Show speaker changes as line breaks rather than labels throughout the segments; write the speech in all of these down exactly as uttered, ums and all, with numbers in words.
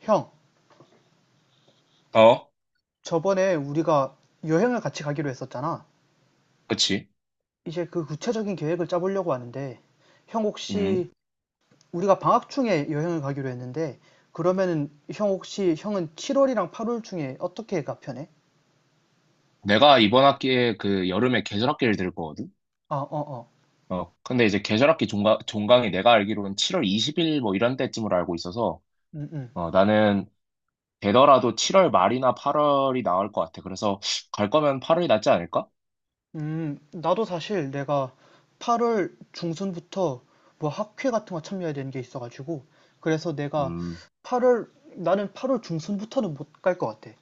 형,
어,
저번에 우리가 여행을 같이 가기로 했었잖아.
그치.
이제 그 구체적인 계획을 짜보려고 하는데, 형
음.
혹시 우리가 방학 중에 여행을 가기로 했는데, 그러면은 형 혹시 형은 칠 월이랑 팔 월 중에 어떻게가 편해?
내가 이번 학기에 그 여름에 계절학기를 들 거거든?
아, 어, 어.
어, 근데 이제 계절학기 종강, 종강이 내가 알기로는 칠월 이십 일 뭐 이런 때쯤으로 알고 있어서,
음, 음.
어, 나는 되더라도 칠월 말이나 팔월이 나을 것 같아. 그래서 갈 거면 팔월이 낫지 않을까?
음, 나도 사실 내가 팔 월 중순부터 뭐 학회 같은 거 참여해야 되는 게 있어가지고, 그래서 내가
음,
팔 월, 나는 팔 월 중순부터는 못 갈 것 같아.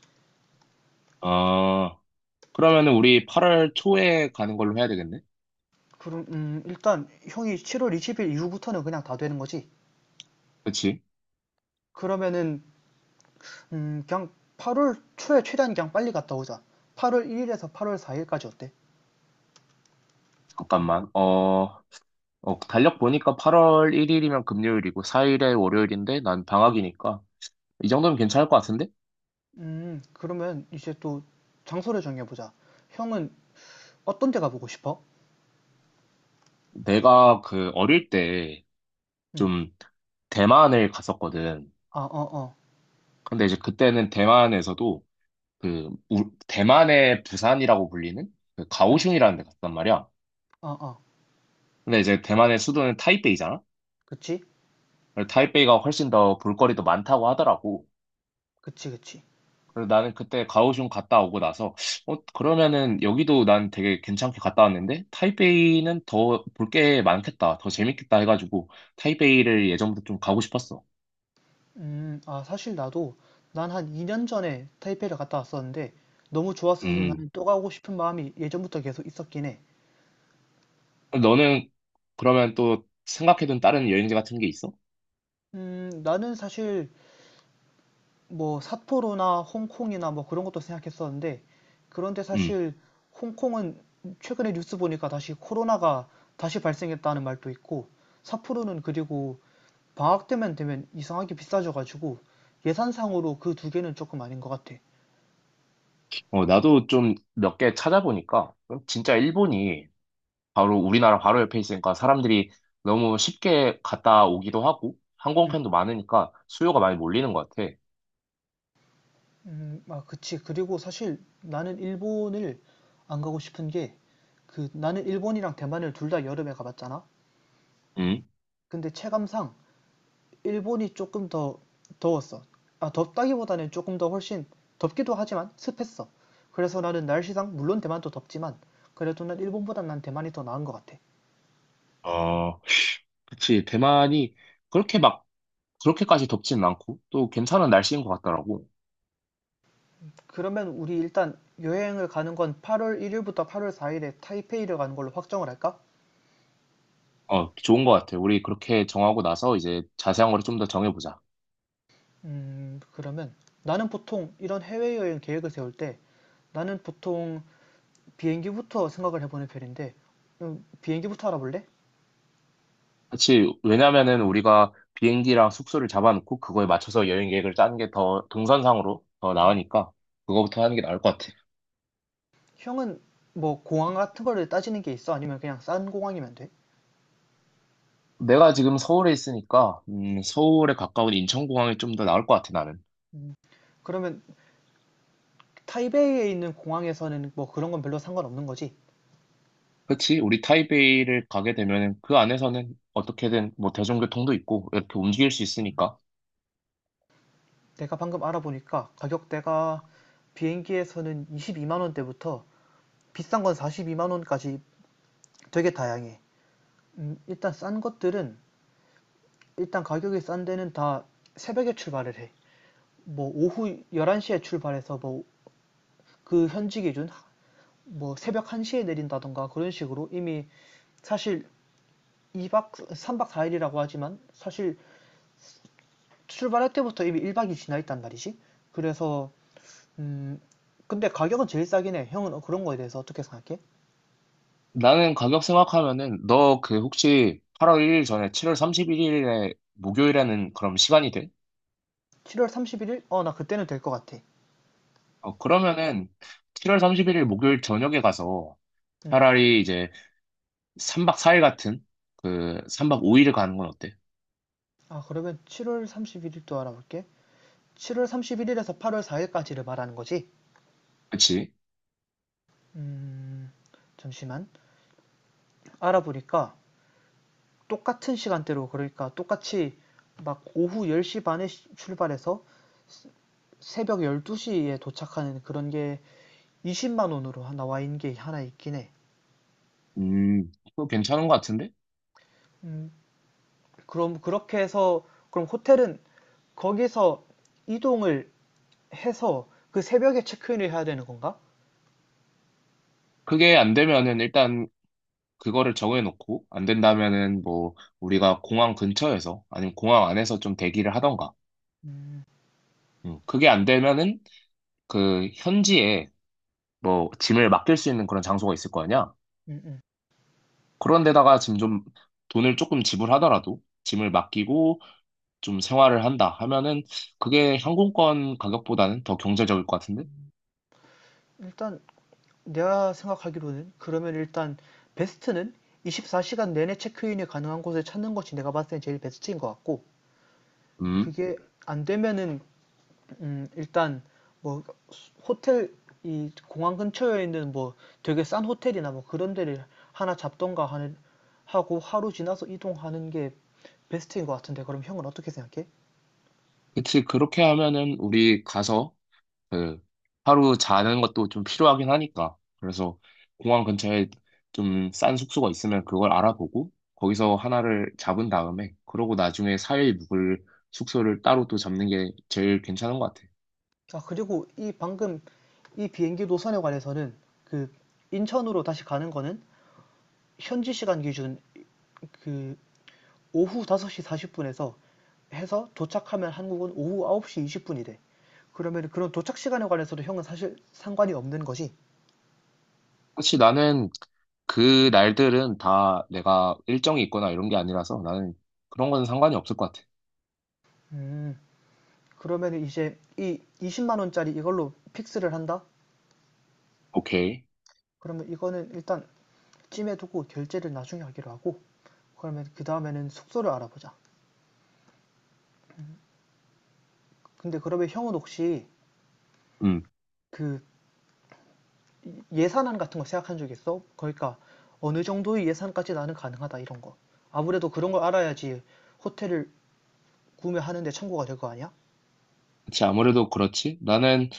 어, 그러면은 우리 팔월 초에 가는 걸로 해야 되겠네?
그럼 음, 일단 형이 칠 월 이십 일 이후부터는 그냥 다 되는 거지.
그치?
그러면은 음, 그냥 팔 월 초에 최대한 그냥 빨리 갔다 오자. 팔 월 일 일에서 팔 월 사 일까지 어때?
잠깐만. 어, 어, 달력 보니까 팔월 일 일이면 금요일이고, 사 일에 월요일인데, 난 방학이니까. 이 정도면 괜찮을 것 같은데?
음, 그러면 이제 또 장소를 정해보자. 형은 어떤 데 가보고 싶어?
내가 그 어릴 때
음,
좀 대만을 갔었거든.
아, 어, 어,
근데 이제 그때는 대만에서도 그 우- 대만의 부산이라고 불리는 그
음,
가오슝이라는 데 갔단 말이야.
아, 아,
근데 이제 대만의 수도는 타이페이잖아.
그치?
그래서 타이페이가 훨씬 더 볼거리도 많다고 하더라고.
그치, 그치.
그래서 나는 그때 가오슝 갔다 오고 나서 어 그러면은 여기도 난 되게 괜찮게 갔다 왔는데 타이페이는 더 볼 게 많겠다. 더 재밌겠다 해가지고 타이페이를 예전부터 좀 가고 싶었어.
음, 아, 사실 나도 난 한 이 년 전에 타이페이를 갔다 왔었는데 너무 좋았어서
음.
나는 또 가고 싶은 마음이 예전부터 계속 있었긴 해.
너는 그러면 또 생각해둔 다른 여행지 같은 게 있어?
음, 나는 사실 뭐 삿포로나 홍콩이나 뭐 그런 것도 생각했었는데 그런데
음.
사실 홍콩은 최근에 뉴스 보니까 다시 코로나가 다시 발생했다는 말도 있고 삿포로는 그리고 방학 때면 되면 이상하게 비싸져가지고 예산상으로 그 두 개는 조금 아닌 것 같아.
어, 나도 좀 몇 개 찾아보니까 진짜 일본이 바로 우리나라 바로 옆에 있으니까 사람들이 너무 쉽게 갔다 오기도 하고
음,
항공편도 많으니까 수요가 많이 몰리는 것 같아.
음, 아, 그치. 그리고 사실 나는 일본을 안 가고 싶은 게 그 나는 일본이랑 대만을 둘 다 여름에 가봤잖아.
음.
근데 체감상 일본이 조금 더 더웠어. 아, 덥다기보다는 조금 더 훨씬 덥기도 하지만 습했어. 그래서 나는 날씨상 물론 대만도 덥지만 그래도 난 일본보단 난 대만이 더 나은 것 같아.
어, 그치. 대만이 그렇게 막 그렇게까지 덥진 않고 또 괜찮은 날씨인 것 같더라고.
그러면 우리 일단 여행을 가는 건 팔 월 일 일부터 팔 월 사 일에 타이페이를 가는 걸로 확정을 할까?
어, 좋은 것 같아. 우리 그렇게 정하고 나서 이제 자세한 거를 좀 더 정해보자.
음, 그러면 나는 보통 이런 해외여행 계획을 세울 때 나는 보통 비행기부터 생각을 해보는 편인데 음, 비행기부터 알아볼래?
그치. 왜냐면은 우리가 비행기랑 숙소를 잡아놓고 그거에 맞춰서 여행 계획을 짜는 게 더 동선상으로 더 나으니까 그거부터 하는 게 나을 것 같아.
형은 뭐 공항 같은 거를 따지는 게 있어? 아니면 그냥 싼 공항이면 돼?
내가 지금 서울에 있으니까 음, 서울에 가까운 인천공항이 좀 더 나을 것 같아 나는.
음, 그러면 타이베이에 있는 공항에서는 뭐 그런 건 별로 상관없는 거지?
그치? 우리 타이베이를 가게 되면은 그 안에서는 어떻게든 뭐 대중교통도 있고 이렇게 움직일 수 있으니까.
내가 방금 알아보니까 가격대가 비행기에서는 이십이만 원대부터 비싼 건 사십이만 원까지 되게 다양해. 음, 일단 싼 것들은 일단 가격이 싼 데는 다 새벽에 출발을 해. 뭐 오후 열한 시에 출발해서 뭐 그 현지 기준 뭐 새벽 한 시에 내린다던가 그런 식으로 이미 사실 이 박 삼 박 사 일이라고 하지만 사실 출발할 때부터 이미 일 박이 지나 있단 말이지. 그래서 음 근데 가격은 제일 싸긴 해. 형은 그런 거에 대해서 어떻게 생각해?
나는 가격 생각하면은 너 그 혹시 팔월 일 일 전에 칠월 삼십일 일에 목요일에는 그럼 시간이 돼?
칠 월 삼십일 일? 어, 나 그때는 될 것 같아.
어, 그러면은 칠월 삼십일 일 목요일 저녁에 가서
음.
차라리 이제 삼 박 사 일 같은 그 삼 박 오 일을 가는 건 어때?
아, 그러면 칠 월 삼십일 일도 알아볼게. 칠 월 삼십일 일에서 팔 월 사 일까지를 말하는 거지?
그치?
음, 잠시만. 알아보니까 똑같은 시간대로, 그러니까 똑같이 막 오후 열 시 반에 출발해서 새벽 열두 시에 도착하는 그런 게 이십만 원으로 하나 와인 게 하나 있긴 해.
음, 그거 괜찮은 것 같은데?
음, 그럼 그렇게 해서 그럼 호텔은 거기서 이동을 해서 그 새벽에 체크인을 해야 되는 건가?
그게 안 되면은 일단 그거를 정해놓고 안 된다면은 뭐 우리가 공항 근처에서 아니면 공항 안에서 좀 대기를 하던가.
음,
음, 그게 안 되면은 그 현지에 뭐 짐을 맡길 수 있는 그런 장소가 있을 거 아니야?
음, 음.
그런 데다가 지금 좀 돈을 조금 지불하더라도 짐을 맡기고 좀 생활을 한다 하면은 그게 항공권 가격보다는 더 경제적일 것 같은데?
일단 내가 생각하기로는 그러면 일단 베스트는 이십사 시간 내내 체크인이 가능한 곳을 찾는 것이 내가 봤을 때 제일 베스트인 것 같고
음,
그게 안 되면은 음, 일단 뭐 호텔 이 공항 근처에 있는 뭐 되게 싼 호텔이나 뭐 그런 데를 하나 잡던가 하는 하고 하루 지나서 이동하는 게 베스트인 것 같은데 그럼 형은 어떻게 생각해?
그치. 그렇게 하면은 우리 가서 그 하루 자는 것도 좀 필요하긴 하니까. 그래서 공항 근처에 좀 싼 숙소가 있으면 그걸 알아보고 거기서 하나를 잡은 다음에 그러고 나중에 사 일 묵을 숙소를 따로 또 잡는 게 제일 괜찮은 것 같아.
아 그리고 이 방금 이 비행기 노선에 관해서는 그 인천으로 다시 가는 거는 현지 시간 기준 그 오후 다섯 시 사십 분에서 해서 도착하면 한국은 오후 아홉 시 이십 분이 돼. 그러면 그런 도착 시간에 관해서도 형은 사실 상관이 없는 거지.
사실 나는 그 날들은 다 내가 일정이 있거나 이런 게 아니라서 나는 그런 건 상관이 없을 것 같아.
음. 그러면 이제 이 이십만 원짜리 이걸로 픽스를 한다?
오케이.
그러면 이거는 일단 찜해 두고 결제를 나중에 하기로 하고 그러면 그 다음에는 숙소를 알아보자. 근데 그러면 형은 혹시
음.
그 예산안 같은 거 생각한 적 있어? 그러니까 어느 정도의 예산까지 나는 가능하다 이런 거. 아무래도 그런 걸 알아야지 호텔을 구매하는데 참고가 될 거 아니야?
그치. 아무래도 그렇지. 나는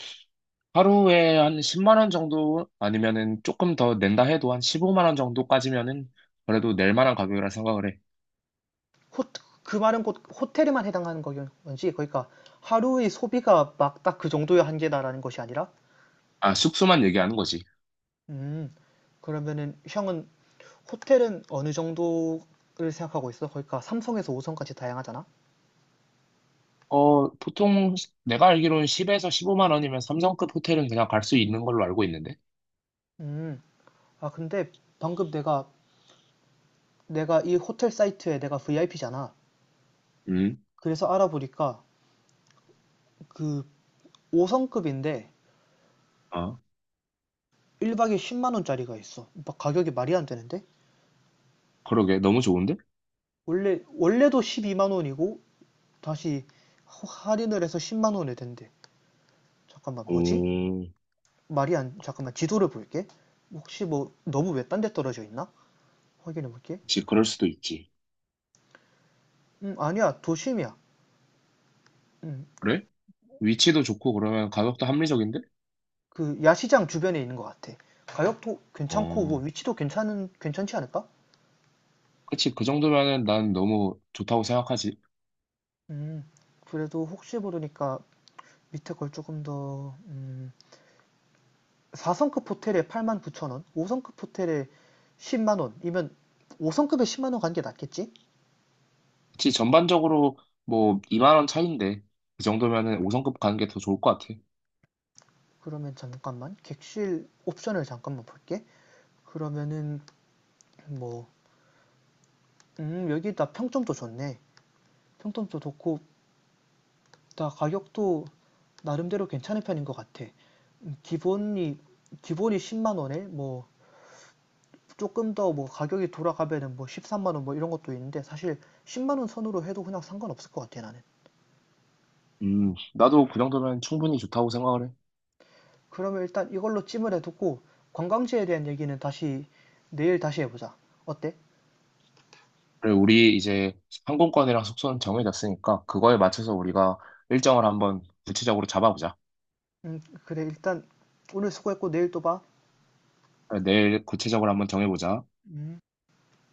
하루에 한 십만 원 정도 아니면은 조금 더 낸다 해도 한 십오만 원 정도까지면은 그래도 낼 만한 가격이라 생각을 해.
호, 그 말은 곧 호텔에만 해당하는 거지 그러니까 하루의 소비가 막 딱 그 정도의 한계다라는 것이 아니라?
아, 숙소만 얘기하는 거지.
음, 그러면은 형은 호텔은 어느 정도를 생각하고 있어? 그러니까 삼 성에서 오 성까지 다양하잖아?
어, 보통 내가 알기로는 십에서 십오만 원이면 삼성급 호텔은 그냥 갈 수 있는 걸로 알고 있는데.
음, 아 근데 방금 내가 내가 이 호텔 사이트에 내가 브이아이피잖아.
음,
그래서 알아보니까 그 오 성급인데
아,
일 박에 십만 원짜리가 있어. 막 가격이 말이 안 되는데?
그러게. 너무 좋은데?
원래 원래도 십이만 원이고 다시 할인을 해서 십만 원에 된대. 잠깐만 뭐지?
오,
말이 안 잠깐만 지도를 볼게. 혹시 뭐 너무 왜 딴 데 떨어져 있나? 확인해 볼게.
그치, 그럴 수도 있지.
음, 아니야. 도심이야. 음,
그래? 위치도 좋고 그러면 가격도 합리적인데?
그 야시장 주변에 있는 것 같아. 가격도 괜찮고 뭐
어,
위치도 괜찮은 괜찮지 않을까?
그치. 그 정도면은 난 너무 좋다고 생각하지.
음, 그래도 혹시 모르니까 밑에 걸 조금 더 음, 사 성급 호텔에 팔만 구천 원, 오 성급 호텔에 십만 원이면 오 성급에 십만 원 간 게 낫겠지?
그치, 전반적으로 뭐 이만 원 차이인데 그 정도면은 오 성급 가는 게 더 좋을 것 같아.
그러면 잠깐만 객실 옵션을 잠깐만 볼게. 그러면은 뭐, 음, 여기다 평점도 좋네. 평점도 좋고, 다 가격도 나름대로 괜찮은 편인 것 같아. 음, 기본이, 기본이 십만 원에 뭐, 조금 더 뭐 가격이 돌아가면은 뭐 십삼만 원 뭐 이런 것도 있는데 사실 십만 원 선으로 해도 그냥 상관없을 것 같아 나는.
음, 나도 그 정도면 충분히 좋다고 생각을 해.
그러면 일단 이걸로 찜을 해두고 관광지에 대한 얘기는 다시 내일 다시 해보자. 어때?
그래, 우리 이제 항공권이랑 숙소는 정해졌으니까 그거에 맞춰서 우리가 일정을 한번 구체적으로 잡아보자.
음, 그래 일단 오늘 수고했고 내일 또 봐.
그래, 내일 구체적으로 한번 정해보자.
음.